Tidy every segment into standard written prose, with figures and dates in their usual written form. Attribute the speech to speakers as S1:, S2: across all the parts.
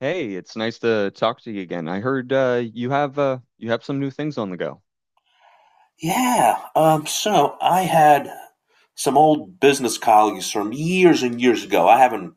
S1: Hey, it's nice to talk to you again. I heard you have some new things on the go.
S2: Yeah. So I had some old business colleagues from years and years ago. I haven't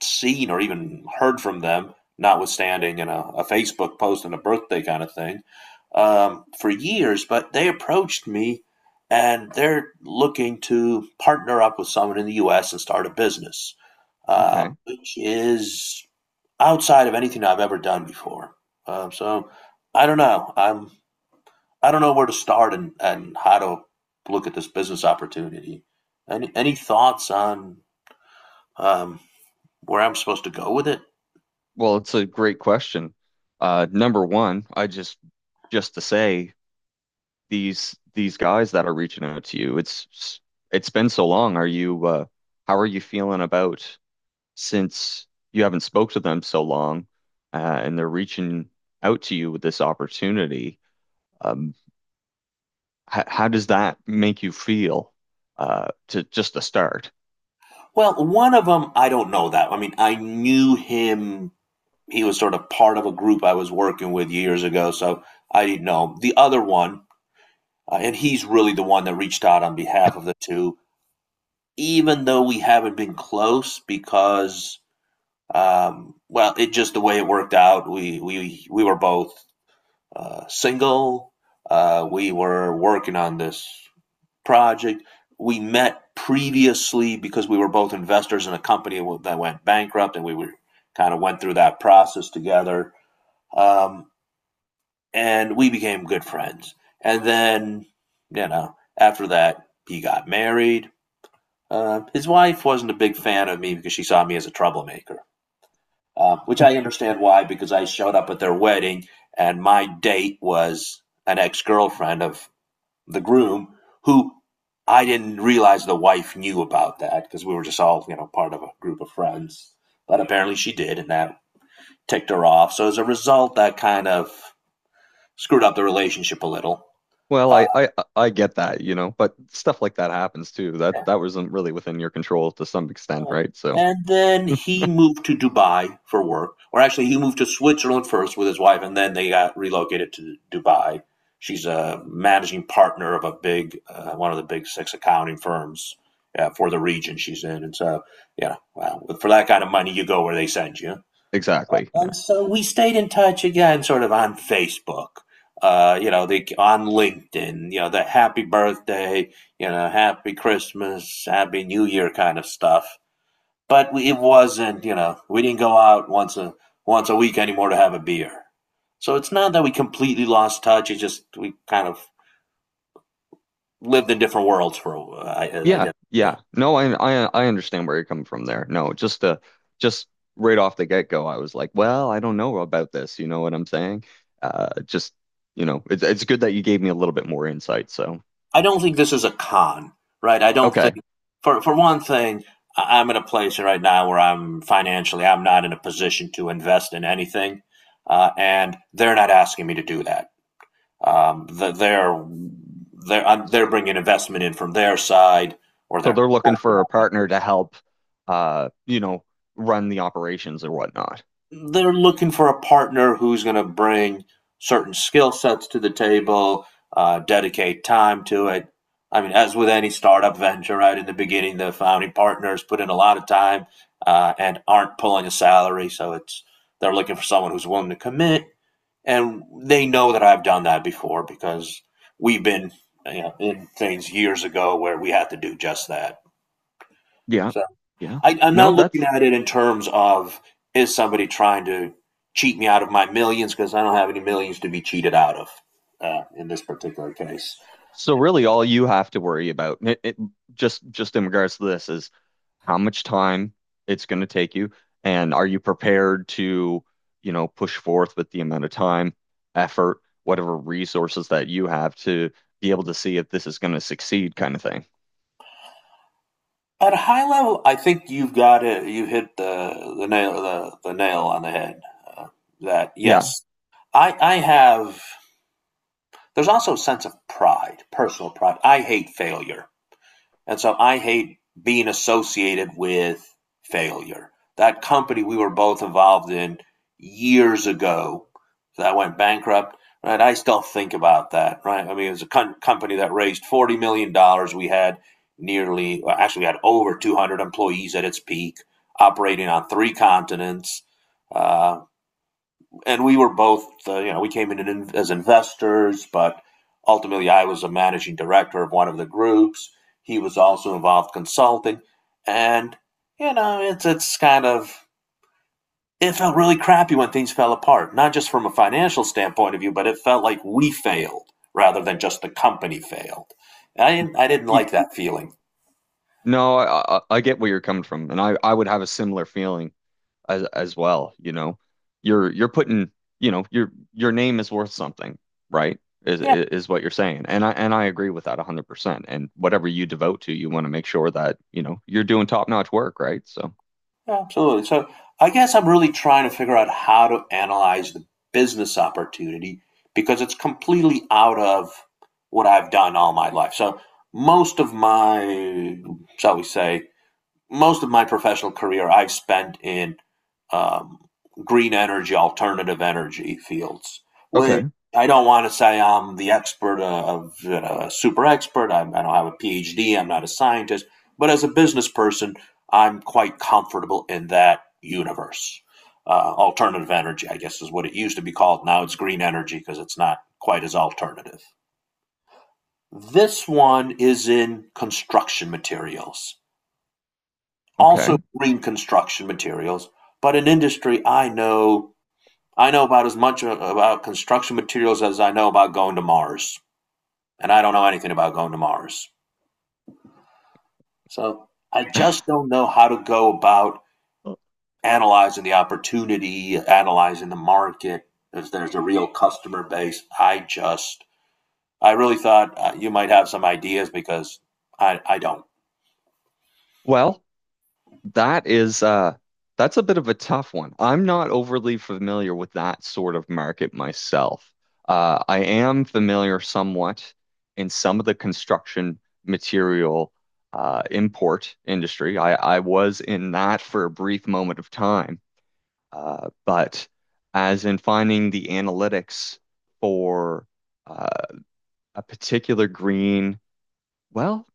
S2: seen or even heard from them, notwithstanding in a Facebook post and a birthday kind of thing, for years. But they approached me and they're looking to partner up with someone in the U.S. and start a business,
S1: Okay.
S2: which is outside of anything I've ever done before. So I don't know. I don't know where to start and how to look at this business opportunity. Any thoughts on um, where I'm supposed to go with it?
S1: Well, it's a great question. Number one, I just to say these guys that are reaching out to you, it's been so long. Are you how are you feeling about since you haven't spoke to them so long, and they're reaching out to you with this opportunity? Um, how does that make you feel to just to start?
S2: Well, one of them, I don't know that. I mean, I knew him. He was sort of part of a group I was working with years ago, so I didn't know. The other one, and he's really the one that reached out on behalf of the two, even though we haven't been close because, well, it just the way it worked out. We were both single. We were working on this project. We met previously because we were both investors in a company that went bankrupt, and we were kind of went through that process together. Um, and we became good friends. And then, you know, after that, he got married. His wife wasn't a big fan of me because she saw me as a troublemaker, which I understand why because I showed up at their wedding and my date was an ex girlfriend of the groom, who I didn't realize the wife knew about that because we were just all, you know, part of a group of friends. But apparently she did, and that ticked her off. So as a result, that kind of screwed up the relationship a little.
S1: Well,
S2: Uh,
S1: I I get that, you know, but stuff like that happens too. That wasn't really within your control to some extent,
S2: Right.
S1: right? So
S2: And then he moved to Dubai for work, or actually, he moved to Switzerland first with his wife, and then they got relocated to Dubai. She's a managing partner of a big, one of the big six accounting firms for the region she's in. And so, yeah, well, for that kind of money, you go where they send you.
S1: exactly. Yeah,
S2: And so we stayed in touch again, sort of on Facebook, you know, the, on LinkedIn, you know, the happy birthday, you know, happy Christmas, happy New Year kind of stuff, but we, it wasn't, you know, we didn't go out once a week anymore to have a beer. So it's not that we completely lost touch, it just we kind of lived in different worlds for, I
S1: yeah,
S2: guess.
S1: yeah. No, I I understand where you're coming from there. No, just right off the get-go, I was like, well, I don't know about this, you know what I'm saying? Uh just, you know, it's good that you gave me a little bit more insight. So
S2: I don't think this is a con, right? I don't think,
S1: okay.
S2: for one thing, I- am in a place right now where I'm financially I'm not in a position to invest in anything, and they're not asking me to do that. Um, they're they're bringing investment in from their side or
S1: So
S2: their,
S1: they're looking for a partner to help you know, run the operations or whatnot.
S2: they're looking for a partner who's going to bring certain skill sets to the table, dedicate time to it. I mean, as with any startup venture, right in the beginning, the founding partners put in a lot of time and aren't pulling a salary, so it's they're looking for someone who's willing to commit, and they know that I've done that before because we've been, you know, in things years ago where we had to do just that.
S1: Yeah.
S2: So.
S1: Yeah.
S2: I'm
S1: No,
S2: not looking
S1: that's.
S2: at it in terms of is somebody trying to cheat me out of my millions because I don't have any millions to be cheated out of, in this particular case.
S1: So really, all you have to worry about, just in regards to this, is how much time it's going to take you, and are you prepared to, you know, push forth with the amount of time, effort, whatever resources that you have to be able to see if this is going to succeed, kind of thing.
S2: At a high level, I think you've got it. You hit the nail on the head. Uh, that
S1: Yeah.
S2: yes, I have. There's also a sense of pride, personal pride. I hate failure. And so I hate being associated with failure. That company we were both involved in years ago, so that went bankrupt, right? I still think about that, right? I mean, it was a company that raised $40 million. Dollars. We had nearly, well, actually, we had over 200 employees at its peak, operating on three continents. Uh, and we were both, you know, we came in as investors, but ultimately I was a managing director of one of the groups. He was also involved consulting, and you know, it's kind of it felt really crappy when things fell apart, not just from a financial standpoint of view, but it felt like we failed rather than just the company failed. I didn't
S1: Ye-
S2: like that feeling.
S1: no, I I get where you're coming from, and I would have a similar feeling as well, you know. You're putting, you know, your name is worth something, right? Is
S2: Yeah.
S1: is what you're saying. And I agree with that 100%. And whatever you devote to, you want to make sure that, you know, you're doing top-notch work, right? So,
S2: Yeah. Absolutely. So I guess I'm really trying to figure out how to analyze the business opportunity because it's completely out of what I've done all my life. So most of my, shall we say, most of my professional career I've spent in um, green energy, alternative energy fields, which
S1: okay.
S2: I don't want to say I'm the expert of, you know, a super expert. I don't have a PhD. I'm not a scientist, but as a business person, I'm quite comfortable in that universe. Alternative energy, I guess, is what it used to be called. Now it's green energy because it's not quite as alternative. This one is in construction materials, also
S1: Okay.
S2: green construction materials, but in industry I know about as much about construction materials as I know about going to Mars, and I don't know anything about going to Mars. So I just don't know how to go about analyzing the opportunity, analyzing the market. If there's a real customer base, I really thought you might have some ideas because I don't.
S1: Well, that is that's a bit of a tough one. I'm not overly familiar with that sort of market myself. I am familiar somewhat in some of the construction material import industry. I was in that for a brief moment of time, but as in finding the analytics for uh, a particular green, well,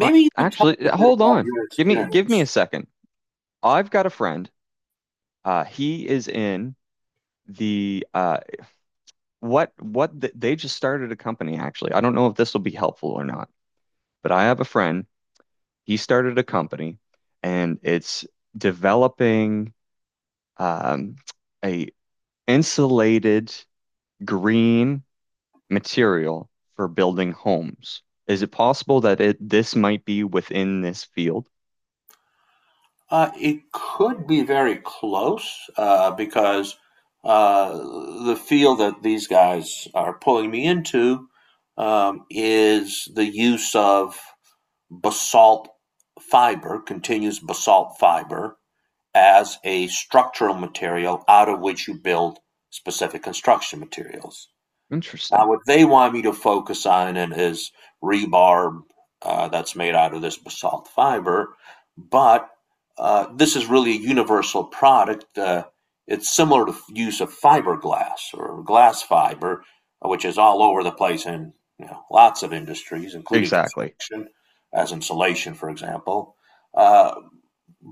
S1: I,
S2: you can tell
S1: actually,
S2: us a bit
S1: hold
S2: about
S1: on.
S2: your
S1: Give me
S2: experience.
S1: a second. I've got a friend. He is in the they just started a company actually. I don't know if this will be helpful or not, but I have a friend. He started a company, and it's developing um, a insulated green material for building homes. Is it possible that it this might be within this field?
S2: It could be very close because uh, the field that these guys are pulling me into is the use of basalt fiber, continuous basalt fiber, as a structural material out of which you build specific construction materials. Now,
S1: Interesting.
S2: what they want me to focus on in is rebar that's made out of this basalt fiber, but this is really a universal product. It's similar to use of fiberglass or glass fiber, which is all over the place in, you know, lots of industries, including
S1: Exactly.
S2: construction, as insulation, for example. Uh,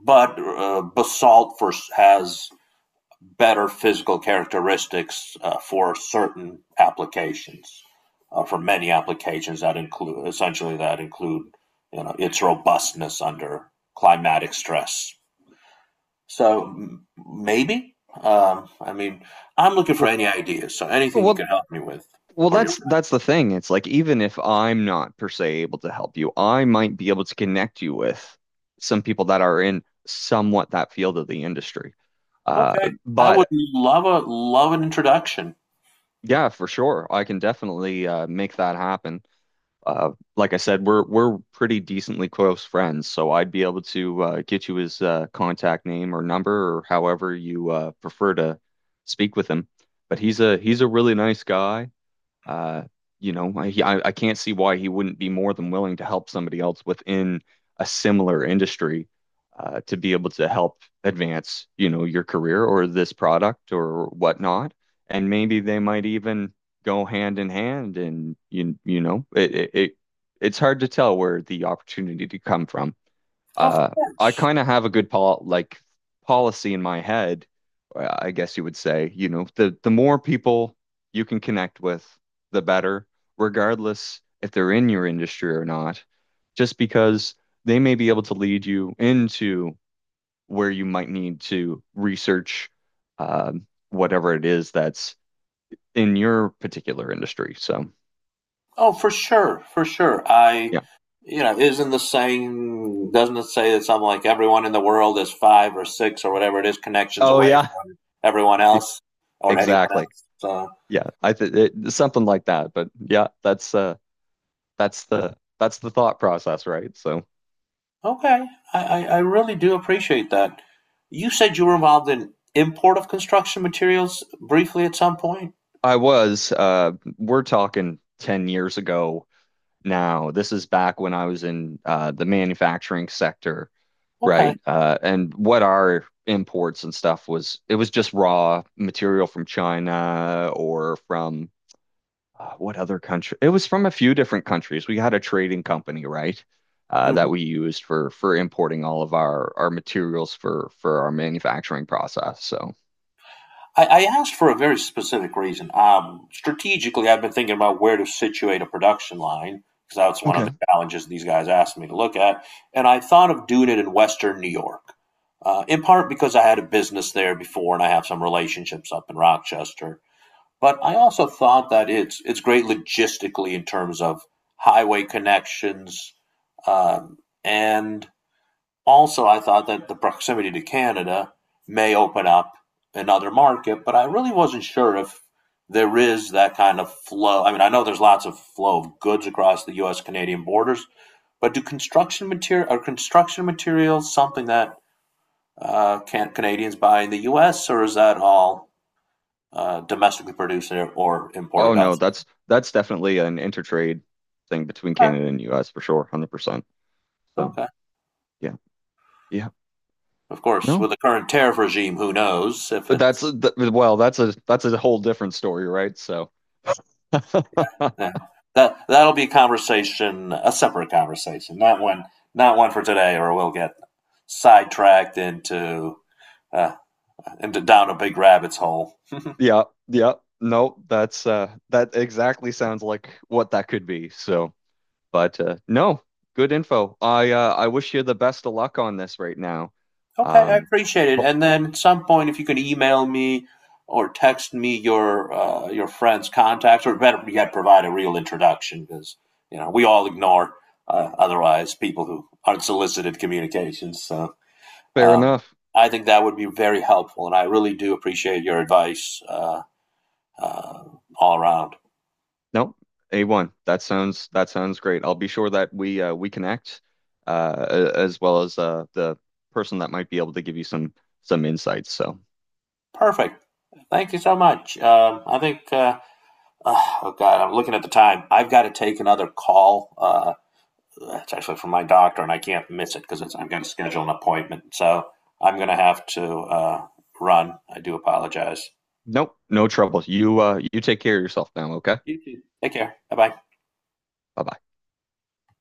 S2: but basalt for, has better physical characteristics for certain applications, for many applications that include essentially that include, you know, its robustness under climatic stress. So maybe, I mean, I'm looking for
S1: Well,
S2: any ideas. So anything you can
S1: well,
S2: help me with,
S1: Well,
S2: or your
S1: that's
S2: friend.
S1: that's the thing. It's like even if I'm not per se able to help you, I might be able to connect you with some people that are in somewhat that field of the industry. Uh,
S2: Okay, I would
S1: but
S2: love an introduction.
S1: Yeah, for sure, I can definitely make that happen. Like I said, we're pretty decently close friends, so I'd be able to get you his contact name or number or however you prefer to speak with him. But he's a really nice guy. Uh, I can't see why he wouldn't be more than willing to help somebody else within a similar industry to be able to help advance, you know, your career or this product or whatnot. And maybe they might even go hand in hand. And you know, it's hard to tell where the opportunity to come from.
S2: Of
S1: Uh, I
S2: course.
S1: kind of have a good pol like policy in my head, I guess you would say, you know, the more people you can connect with, the better, regardless if they're in your industry or not, just because they may be able to lead you into where you might need to research whatever it is that's in your particular industry. So,
S2: Oh, for sure, for sure. I,
S1: yeah.
S2: you know, isn't the saying, doesn't it say that something like everyone in the world is five or six or whatever it is connections
S1: Oh,
S2: away
S1: yeah.
S2: from everyone
S1: Yeah,
S2: else or anyone
S1: exactly.
S2: else? So,
S1: Yeah, I think something like that. But yeah, that's that's the thought process, right? So
S2: okay, I really do appreciate that. You said you were involved in import of construction materials briefly at some point.
S1: I was we're talking 10 years ago now. This is back when I was in the manufacturing sector,
S2: Okay.
S1: right? Uh, and what our imports and stuff was it was just raw material from China or from what other country? It was from a few different countries. We had a trading company, right?
S2: Mhm.
S1: That we used for importing all of our materials for our manufacturing process. So
S2: I asked for a very specific reason. Strategically, I've been thinking about where to situate a production line because that's one of the
S1: okay.
S2: challenges these guys asked me to look at. And I thought of doing it in Western New York, in part because I had a business there before and I have some relationships up in Rochester. But I also thought that it's great logistically in terms of highway connections, um, and also, I thought that the proximity to Canada may open up another market, but I really wasn't sure if there is that kind of flow. I mean, I know there's lots of flow of goods across the U.S. Canadian borders, but do construction material are construction materials something that can Canadians buy in the U.S. or is that all domestically produced or
S1: Oh
S2: imported
S1: no,
S2: elsewhere?
S1: that's definitely an intertrade thing between
S2: Okay.
S1: Canada and US for sure, 100%. So,
S2: Okay.
S1: yeah. Yeah.
S2: Of course,
S1: No.
S2: with the current tariff regime, who knows if
S1: But
S2: it.
S1: That's a, th well, that's a whole different story, right? So,
S2: Yeah. That that'll be a conversation, a separate conversation, not one for today, or we'll get sidetracked into uh, down a big rabbit's hole. Okay,
S1: yeah. Yeah. No, that's that exactly sounds like what that could be. So, but no, good info. I wish you the best of luck on this right now.
S2: I
S1: Um,
S2: appreciate it.
S1: ho-
S2: And then at some point, if you could email me or text me your friend's contacts, or better yet, provide a real introduction, because you know we all ignore otherwise people who aren't solicited communications. So.
S1: Fair
S2: Um,
S1: enough.
S2: I think that would be very helpful, and I really do appreciate your advice uh, all around.
S1: No, A1. That sounds great. I'll be sure that we connect uh, as well as the person that might be able to give you some insights. So,
S2: Perfect. Thank you so much. I think, oh God, I'm looking at the time. I've got to take another call. It's actually from my doctor, and I can't miss it because I've got to schedule an appointment. So I'm going to have to run. I do apologize.
S1: nope, no trouble. You you take care of yourself now, okay?
S2: You too. Take care. Bye bye.
S1: Bye-bye.